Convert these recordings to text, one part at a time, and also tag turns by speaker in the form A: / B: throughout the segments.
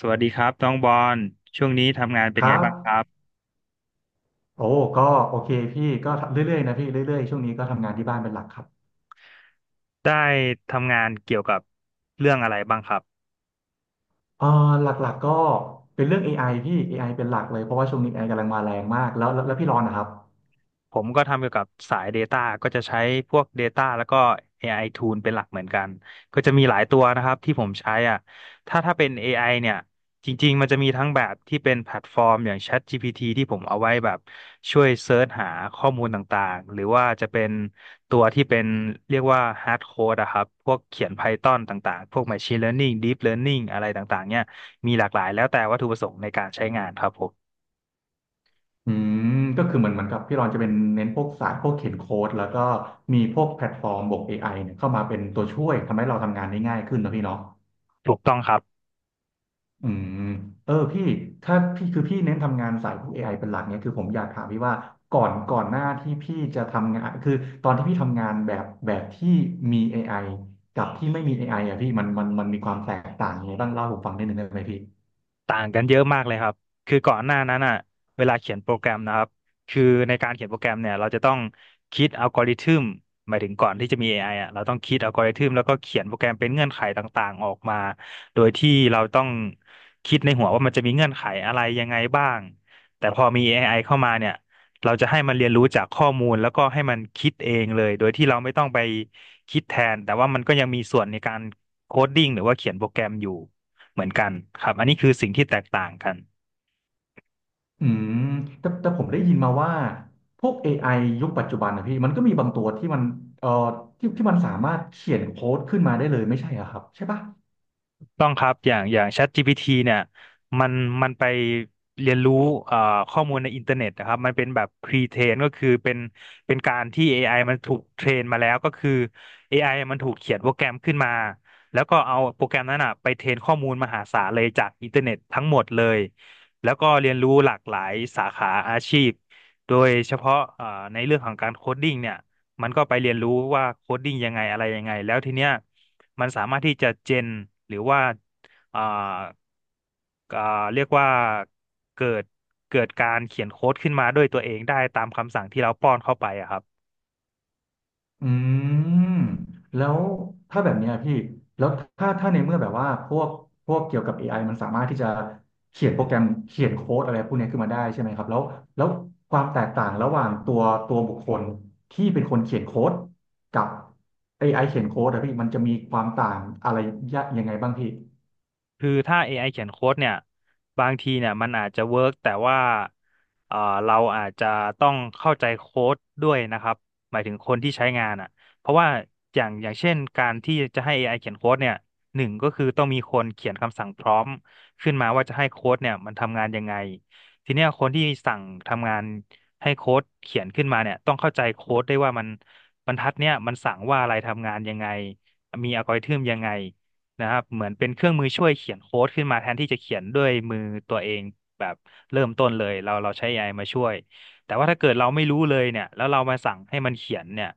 A: สวัสดีครับน้องบอลช่วงนี้ทำงานเป็น
B: ค
A: ไง
B: รับ
A: บ้างครับ
B: โอ้ก็โอเคพี่ก็เรื่อยๆนะพี่ เรื่อยๆช่วงนี้ก็ทำงานที่บ้านเป็นหลักครับ
A: ได้ทำงานเกี่ยวกับเรื่องอะไรบ้างครับ
B: เออหลักๆก็เป็นเรื่อง AI พี่ AI เป็นหลักเลยเพราะว่าช่วงนี้ AI กำลังมาแรงมากแล้วพี่รอนนะครับ
A: ผมก็ทำเกี่ยวกับสาย Data ก็จะใช้พวก Data แล้วก็ AI Tool เป็นหลักเหมือนกันก็จะมีหลายตัวนะครับที่ผมใช้อ่ะถ้าเป็น AI เนี่ยจริงๆมันจะมีทั้งแบบที่เป็นแพลตฟอร์มอย่าง ChatGPT ที่ผมเอาไว้แบบช่วยเซิร์ชหาข้อมูลต่างๆหรือว่าจะเป็นตัวที่เป็นเรียกว่า hard code อะครับพวกเขียน Python ต่างๆพวก machine learning deep learning อะไรต่างๆเนี่ยมีหลากหลายแล้วแต่วัตถุประสงค์ในการใช้งานครับผม
B: อืก็คือเหมือนกับพี่รอนจะเป็นเน้นพวกสายพวกเขียนโค้ดแล้วก็มีพวกแพลตฟอร์มบวก AI เนี่ยเข้ามาเป็นตัวช่วยทำให้เราทำงานได้ง่ายขึ้นนะพี่เนาะ
A: ถูกต้องครับ
B: อืมเออพี่ถ้าพี่คือพี่เน้นทำงานสายพวก AI เป็นหลักเนี่ยคือผมอยากถามพี่ว่าก่อนหน้าที่พี่จะทำงานคือตอนที่พี่ทำงานแบบที่มี AI กับที่ไม่มี AI อไออ่ะพี่มันมีความแตกต่างยังไงบ้างเล่าให้ผมฟังนิดหนึ่งได้ไหมพี่
A: ต่างกันเยอะมากเลยครับคือก่อนหน้านั้นอ่ะเวลาเขียนโปรแกรมนะครับ คือในการเขียนโปรแกรมเนี่ยเราจะต้องคิดอัลกอริทึมหมายถึงก่อนที่จะมี a ไออ่ะเราต้องคิดอัลกอริทึมแล้วก็เขียนโปรแกรมเป็นเงื่อนไขต่างๆออกมา โดยที่เราต้องคิดในหัวว่ามันจะมีเงื่อนไขอะไรยังไงบ้างแต่พอมี AI เข้ามาเนี่ยเราจะให้มันเรียนรู้จากข้อมูลแล้วก็ให้มันคิดเองเลยโดยที่เราไม่ต้องไปคิดแทนแต่ว่ามันก็ยังมีส่วนในการโคดดิ้งหรือว่าเขียนโปรแกรมอยู่ เหมือนกันครับอันนี้คือสิ่งที่แตกต่างกัน
B: อืมแต่ผมได้ยินมาว่าพวก a อไอยุคปัจจุบันนะพี่มันก็มีบางตัวที่มันเอ่อที่มันสามารถเขียนโค้ดขึ้นมาได้เลยไม่ใช่เหรอครับใช่ปะ
A: ต้องครับอย่าง ChatGPT เนี่ยมันมันไปเรียนรู้เอ่อข้อมูลในอินเทอร์เน็ตนะครับมันเป็นแบบ pre-train ก็คือเป็นการที่ AI มันถูกเทรนมาแล้วก็คือ AI มันถูกเขียนโปรแกรมขึ้นมาแล้วก็เอาโปรแกรมนั้นอ่ะไปเทรนข้อมูลมหาศาลเลยจากอินเทอร์เน็ตทั้งหมดเลยแล้วก็เรียนรู้หลากหลายสาขาอาชีพโดยเฉพาะในเรื่องของการโคดดิ้งเนี่ยมันก็ไปเรียนรู้ว่าโคดดิ้งยังไงอะไรยังไงแล้วทีเนี้ย มันสามารถที่จะเจนหรือว่าอ่าอ่าเรียกว่าเกิดเกิดการเขียนโค้ดขึ้นมาด้วยตัวเองได้ตามคำสั่งที่เราป้อนเข้าไปอะครับ
B: อืมแล้วถ้าแบบเนี้ยพี่แล้วถ้าในเมื่อแบบว่าพวกเกี่ยวกับ AI มันสามารถที่จะเขียนโปรแกรมเขียนโค้ดอะไรพวกเนี้ยขึ้นมาได้ใช่ไหมครับแล้วแล้วความแตกต่างระหว่างตัวบุคคลที่เป็นคนเขียนโค้ดกับ AI เขียนโค้ดอะพี่มันจะมีความต่างอะไรยังไงบ้างพี่
A: คือถ้า AI เขียนโค้ดเนี่ยบางทีเนี่ยมันอาจจะเวิร์กแต่ว่าเอ่อเราอาจจะต้องเข้าใจโค้ดด้วยนะครับหมายถึงคนที่ใช้งานอ่ะเพราะว่าอย่างเช่นการที่จะให้เอไ i เขียนโค้ดเนี่ยหนึ่งก็คือต้องมีคนเขียนคำสั่งพร้อมขึ้นมาว่าจะให้โค้ดเนี่ยมันทำงานยังไงทีเนี้ยคนที่สั่งทำงานให้โค้ดเขียนขึ้นมาเนี่ยต้องเข้าใจโค้ดได้วยว่ามันบรรทัดเนี่ยมันสั่งว่าอะไรทำงานยังไงมีอัลกอริทึมยังไง นะครับเหมือนเป็นเครื่องมือช่วยเขียนโค้ดขึ้นมาแทนที่จะเขียนด้วยมือตัวเองแบบเริ่มต้นเลยเราใช้ AI มาช่วยแต่ว่าถ้าเกิดเราไม่รู้เลยเนี่ยแล้วเรามาสั่งให้มันเขียนเนี่ย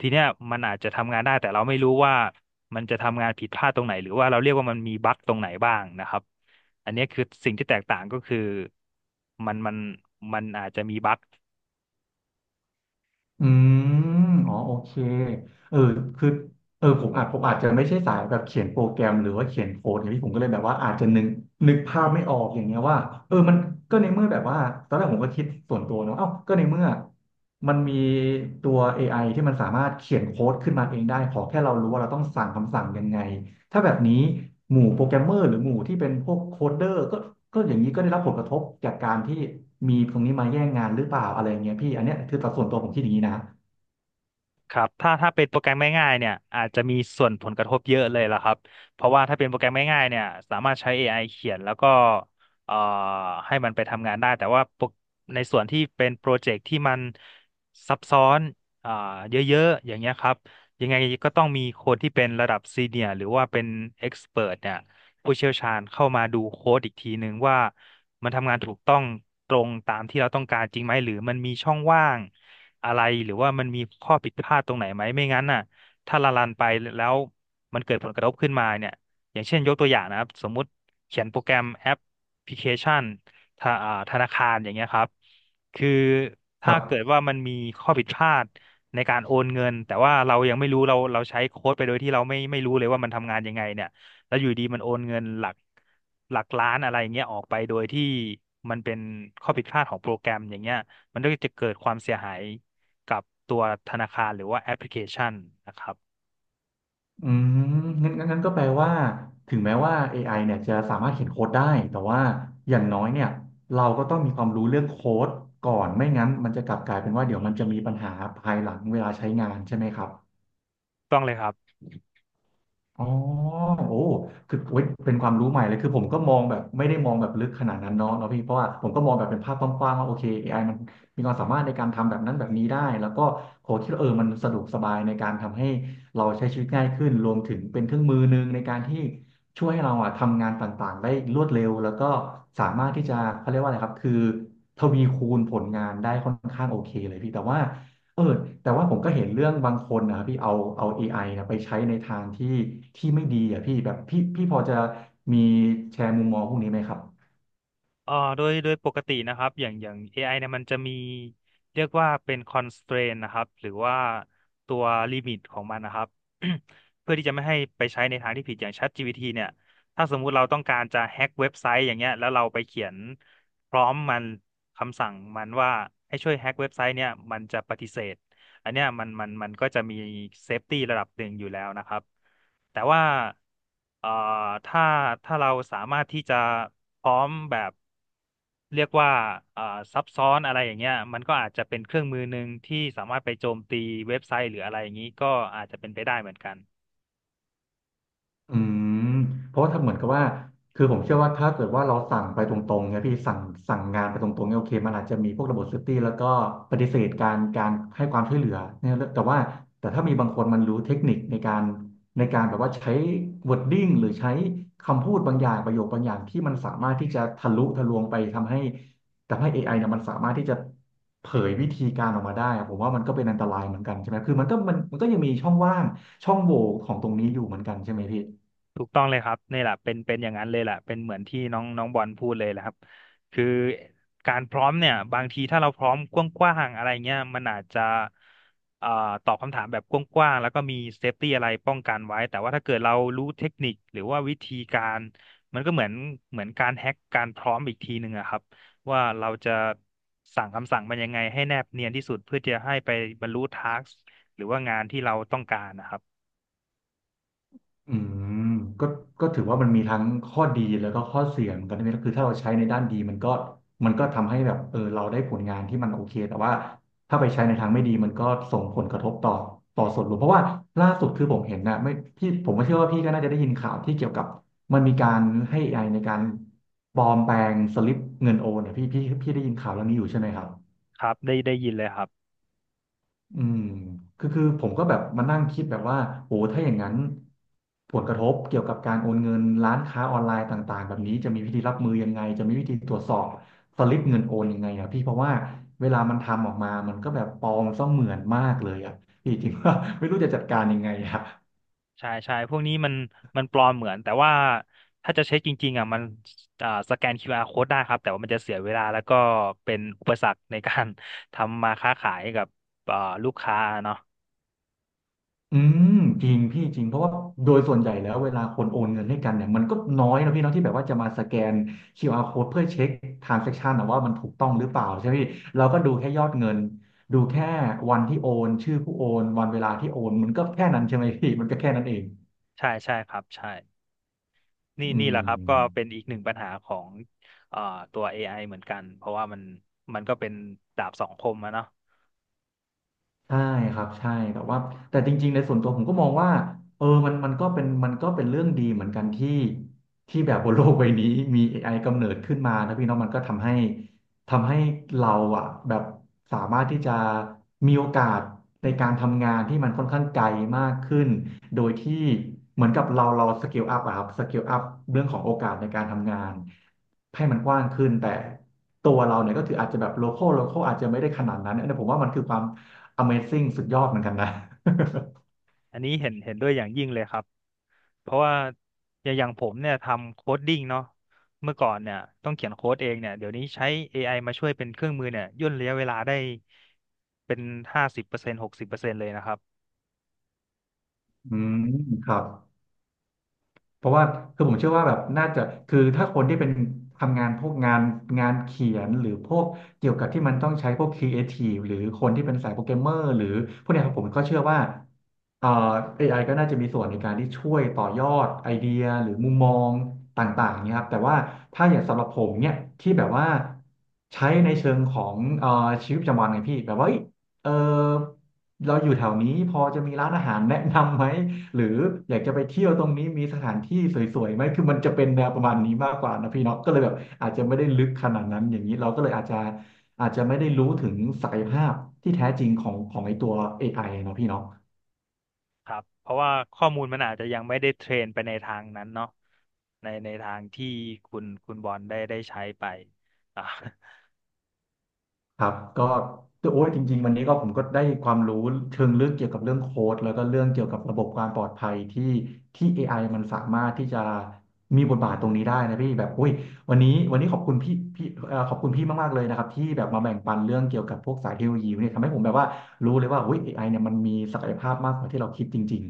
A: ทีเนี้ยมันอาจจะทำงานได้แต่เราไม่รู้ว่ามันจะทำงานผิดพลาดตรงไหนหรือว่าเราเรียกว่ามันมีบั๊กตรงไหนบ้างนะครับอันเนี้ยคือสิ่งที่แตกต่างก็คือมันมันมันอาจจะมีบั๊ก
B: อืมอ๋อโอเคเออคือเออผมอาจจะไม่ใช่สายแบบเขียนโปรแกรมหรือว่าเขียนโค้ดอย่างนี้ผมก็เลยแบบว่าอาจจะนึกภาพไม่ออกอย่างเงี้ยว่ามันก็ในเมื่อแบบว่าตอนแรกผมก็คิดส่วนตัวเนาะเอ้าก็ในเมื่อมันมีตัว AI ที่มันสามารถเขียนโค้ดขึ้นมาเองได้ ขอแค่เรารู้ว่าเราต้องสั่งคำสั่งยังไง ถ้าแบบนี้หมู่โปรแกรมเมอร์หรือหมู่ที่เป็นพวกโคดเดอร์ก็อย่างนี้ก็ได้รับผลกระทบจากการที่มีตรงนี้มาแย่งงานหรือเปล่าอะไรอย่างเงี้ยพี่อันเนี้ยคือตัดส่วนตัวผมคิดอย่างนี้นะ
A: ครับถ้าเป็นโปรแกรมง่ายๆเนี่ยอาจจะมีส่วนผลกระทบเยอะเลยล่ะครับเพราะว่าถ้าเป็นโปรแกรมง่ายๆเนี่ยสามารถใช้ AI เขียนแล้วก็เอ่อให้มันไปทำงานได้แต่ว่าโปรในส่วนที่เป็นโปรเจกต์ที่มันซับซ้อนอ่าเยอะๆอย่างเงี้ยครับยังไงก็ต้องมีคนที่เป็นระดับซีเนียร์หรือว่าเป็นเอ็กซ์เ t เนี่ย ผู้เชี่ยวชาญเข้ามาดูโค้ดอีกทีนึงว่ามันทำงานถูกต้องตรงตามที่เราต้องการจริงไหมหรือมันมีช่องว่างอะไรหรือว่ามันมีข้อผิดพลาดตรงไหนไหมไม่งั้นน่ะถ้าละลันไปแล้วมันเกิดผลกระทบขึ้นมาเนี่ยอย่างเช่นยกตัวอย่างนะครับสมมุติเขียนโปรแกรมแอปพลิเคชันธาธนาคารอย่างเงี้ยครับคือ
B: ค
A: ถ้า
B: รับ
A: เกิดว่ามันมีข้อผิดพลาดในการโอนเงินแต่ว่าเรายังไม่รู้เราใช้โค้ดไปโดยที่เราไม่รู้เลยว่ามันทำงานยังไงเนี่ย แล้วอยู่ดีมันโอนเงินหลักล้านอะไรอย่างเงี้ยออกไปโดยที่มันเป็นข้อผิดพลาดของโปรแกรมอย่างเงี้ยมันก็จะเกิดความเสียหายกับตัวธนาคารหรือว่าแอปพลิเคชันนะครับ
B: อืงั้นก็แปลว่าถึงแม้ว่าเอไอเนี่ยจะสามารถเขียนโค้ดได้แต่ว่าอย่างน้อยเนี่ยเราก็ต้องมีความรู้เรื่องโค้ดก่อนไม่งั้นมันจะกลับกลายเป็นว่าเดี๋ยวมันจะมีปัญหาภายหลังเวลาใช้งานใช่ไหมครับ
A: ต้องเลยครับ
B: อ๋อโอ้คือโอ้ยเป็นความรู้ใหม่เลยคือผมก็มองแบบไม่ได้มองแบบลึกขนาดนั้นเนาะพี่เพราะว่าผมก็มองแบบเป็นภาพกว้างๆว่าโอเคเอไอมันมีความสามารถในการทำแบบนั้นแบบนี้ได้แล้วก็โหคิดว่าเออมันสะดวกสบายในการทำให้เราใช้ชีวิตง่ายขึ้นรวมถึงเป็นเครื่องมือหนึ่งในการที่ช่วยให้เราอะทำงานต่างๆได้รวดเร็วแล้วก็สามารถที่จะเขาเรียกว่าอะไรครับคือทวีคูณผลงานได้ค่อนข้างโอเคเลยพี่แต่ว่า เออแต่ว่าผมก็เห็นเรื่องบางคนนะครับพี่เอา AI นะไปใช้ในทางที่ที่ไม่ดีอ่ะพี่แบบพี่พอจะมีแชร์มุมมองพวกนี้ไหมครับ
A: โดยปกตินะครับอย่างAI เนี่ยมันจะมีเรียกว่าเป็น constraint นะครับหรือว่าตัวลิมิตของมันนะครับ เพื่อที่จะไม่ให้ไปใช้ในทางที่ผิดอย่าง ChatGPT เนี่ยถ้าสมมุติเราต้องการจะแฮ็กเว็บไซต์อย่างเงี้ยแล้วเราไปเขียนพร้อมมันคำสั่งมันว่าให้ช่วยแฮ็กเว็บไซต์เนี่ยมันจะปฏิเสธอันเนี้ยมันก็จะมีเซฟตี้ระดับหนึ่งอยู่แล้วนะครับแต่ว่าเอ่อถ้าเราสามารถที่จะพร้อมแบบ เรียกว่าเอ่อซับซ้อนอะไรอย่างเงี้ยมันก็อาจจะเป็นเครื่องมือหนึ่งที่สามารถไปโจมตีเว็บไซต์หรืออะไรอย่างนี้ก็อาจจะเป็นไปได้เหมือนกัน
B: อืมเพราะว่าถ้าเหมือนกับว่าคือผมเชื่อว่าถ้าเกิดว่าเราสั่งไปตรงๆเนี่ยพี่สั่งงานไปตรงๆเนี่ยโอเคมันอาจจะมีพวกระบบเซฟตี้แล้วก็ปฏิเสธการให้ความช่วยเหลือเนี่ยแต่ว่าแต่ถ้ามีบางคนมันรู้เทคนิคในการแบบว่าใช้ wording หรือใช้คำพูดบางอย่างประโยคบางอย่างที่มันสามารถที่จะทะลุทะลวงไปทำให้เอไอเนี่ยมันสามารถที่จะเผยวิธีการออกมาได้อะผมว่ามันก็เป็นอันตรายเหมือนกันใช่ไหมคือมันก็มันก็ยังมีช่องว่างช่องโหว่ของตรงนี้อยู่เหมือนกันใช่ไหมพี่
A: ถูกต้องเลยครับนี่แหละเป็นอย่างนั้นเลยแหละเป็นเหมือนที่น้องน้องบอลพูดเลยแหละครับคือการพร้อมเนี่ยบางทีถ้าเราพร้อมกว้างๆอะไรเงี้ยมันอาจจะเอ่อตอบคำถามแบบกว้างๆแล้วก็มีเซฟตี้อะไรป้องกันไว้แต่ว่าถ้าเกิดเรารู้เทคนิคหรือว่าวิธีการมันก็เหมือนการแฮ็กการพร้อมอีกทีหนึ่งอะครับว่าเราจะสั่งคำสั่งมันยังไงให้แนบเนียนที่สุดเพื่อจะให้ไปบรรลุทาสหรือว่างานที่เราต้องการนะครับ
B: อืมก็ก็ถือว่ามันมีทั้งข้อดีแล้วก็ข้อเสียเหมือนกันนะคือถ้าเราใช้ในด้านดีมันก็ทำให้แบบเออเราได้ผลงานที่มันโอเคแต่ว่าถ้าไปใช้ในทางไม่ดีมันก็ส่งผลกระทบต่อส่วนรวมเพราะว่าล่าสุดคือผมเห็นนะไม่พี่ผมก็เชื่อว่าพี่ก็น่าจะได้ยินข่าวที่เกี่ยวกับมันมีการให้ AI ในการปลอมแปลงสลิปเงินโอนเนี่ยพี่ได้ยินข่าวเรื่องนี้อยู่ใช่ไหมครับ
A: ครับได้ยินเลยครับ
B: อืมคือผมก็แบบมานั่งคิดแบบว่าโอ้ถ้าอย่างนั้นผลกระทบเกี่ยวกับการโอนเงินร้านค้าออนไลน์ต่างๆแบบนี้จะมีวิธีรับมือยังไงจะมีวิธีตรวจสอบสลิปเงินโอนยังไงอ่ะพี่เพราะว่าเวลามันทำออกมามันก็แบบปลอมเสมือนมากเลยอ่ะพี่ จริงว่า ไม่รู้จะจัดการยังไงอ่ะ
A: ใช่ใช่พวกนี้มันปลอมเหมือนแต่ว่าถ้าจะเช็คจริงๆอ่ะมันสแกน QR code ได้ครับแต่ว่ามันจะเสียเวลาแล้วก็เป็นอุปสรรคในการ ทำมาค้าขายกับอ่าลูกค้าเนาะ
B: อืมจริงพี่จริงเพราะว่าโดยส่วนใหญ่แล้วเวลาคนโอนเงินให้กันเนี่ยมันก็น้อยนะพี่เนาะที่แบบว่าจะมาสแกนคิวอาร์ code เพื่อเช็ค transaction นะว่ามันถูกต้องหรือเปล่าใช่ไหมพี่เราก็ดูแค่ยอดเงินดูแค่วันที่โอนชื่อผู้โอนวันเวลาที่โอนมันก็แค่นั้นใช่ไหมพี่มันก็แค่นั้นเอง
A: ใช่ใช่ครับใช่นี่
B: อื
A: แหละครับก็เป็
B: ม
A: นอีกหนึ่งปัญหาของอ่าตัว AI เหมือนกันเพราะว่ามันก็เป็นดาบสองคมอะเนาะ
B: ใช่ครับใช่แต่ว่าแต่จริงๆในส่วนตัวผมก็มองว่ามันก็เป็นเรื่องดีเหมือนกันที่ที่แบบบนโลกใบนี้มี AI กำเนิดขึ้นมานะพี่เน้องมันก็ทำให้เราอ่ะแบบสามารถที่จะมีโอกาสในการทำงานที่มันค่อนข้างไกลมากขึ้นโดยที่เหมือนกับเราสเกลอัพอะครับสเกลอัพเรื่องของโอกาสในการทำงานให้มันกว้างขึ้นแต่ตัวเราเนี่ยก็คืออาจจะแบบโลคอลอาจจะไม่ได้ขนาดนั้นอันนี้ผมว่ามันคือความ Amazing สุดยอดเหมือนกันนะ
A: อันนี้เห็นด้วยอย่างยิ่งเลยครับ เพราะว่าอย่างผมเนี่ยทำโค้ดดิ้งเนาะเมื่อก่อนเนี่ยต้องเขียนโค้ดเองเนี่ยเดี๋ยวนี้ใช้ AI มาช่วยเป็นเครื่องมือเนี่ยย่นระยะเวลาได้เป็น50%60%เลยนะครับ
B: อืมครับ เพราะว่าคือผมเชื่อว่าแบบน่าจะคือถ้าคนที่เป็นทำงานพวกงานเขียนหรือพวกเกี่ยวกับที่มันต้องใช้พวกครีเอทีฟหรือคนที่เป็นสายโปรแกรมเมอร์หรือพวกเนี้ยครับผมก็เชื่อว่าเอ่อเอไอก็น่าจะมีส่วนในการที่ช่วยต่อยอดไอเดียหรือมุมมองต่างๆเนี่ยครับแต่ว่าถ้าอย่างสำหรับผมเนี่ยที่แบบว่าใช้ในเชิงของชีวิตประจำวันไงพี่แบบว่าเอ้ยเออเราอยู่แถวนี้พอจะมีร้านอาหารแนะนำไหม หรืออยากจะไปเที่ยวตรงนี้มีสถานที่สวยๆไหมคือมันจะเป็นแนวประมาณนี้มากกว่านะพี่เนาะก็เลยแบบอาจจะไม่ได้ลึกขนาดนั้นอย่างนี้เราก็เลยอาจจะอาจจะไม่ได้รู้ถึงศักยภาพที่แท้จริงของของไอตัว AI เนาะพี่เนาะ
A: ครับเพราะว่าข้อมูลมันอาจจะยังไม่ได้เทรนไปในทางนั้นเนาะในทางที่คุณบอลได้ใช้ไปอ่ะ
B: ครับก็โอ้ยจริงๆวันนี้ก็ผมก็ได้ความรู้เชิงลึกเกี่ยวกับเรื่องโค้ดแล้วก็เรื่องเกี่ยวกับระบบความปลอดภัยที่ AI มันสามารถที่จะมีบทบาทตรงนี้ได้นะพี่แบบโอ้ยวันนี้ขอบคุณพี่ขอบคุณพี่มากๆเลยนะครับที่แบบมาแบ่งปันเรื่องเกี่ยวกับพวกสายเทคโนโลยีเนี่ยทำให้ผมแบบว่ารู้เลยว่าเฮ้ยเอไอเนี่ยมันมีศักยภาพมากกว่าที่เราคิดจริง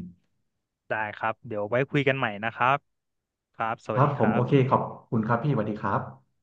A: ได้ครับเดี๋ยวไว้คุยกันใหม่นะครับครับส
B: ๆค
A: วัส
B: รับ
A: ดี
B: ผ
A: ค
B: ม
A: รั
B: โอเค
A: บ
B: ขอบคุณครับพี่สวัสดีครับ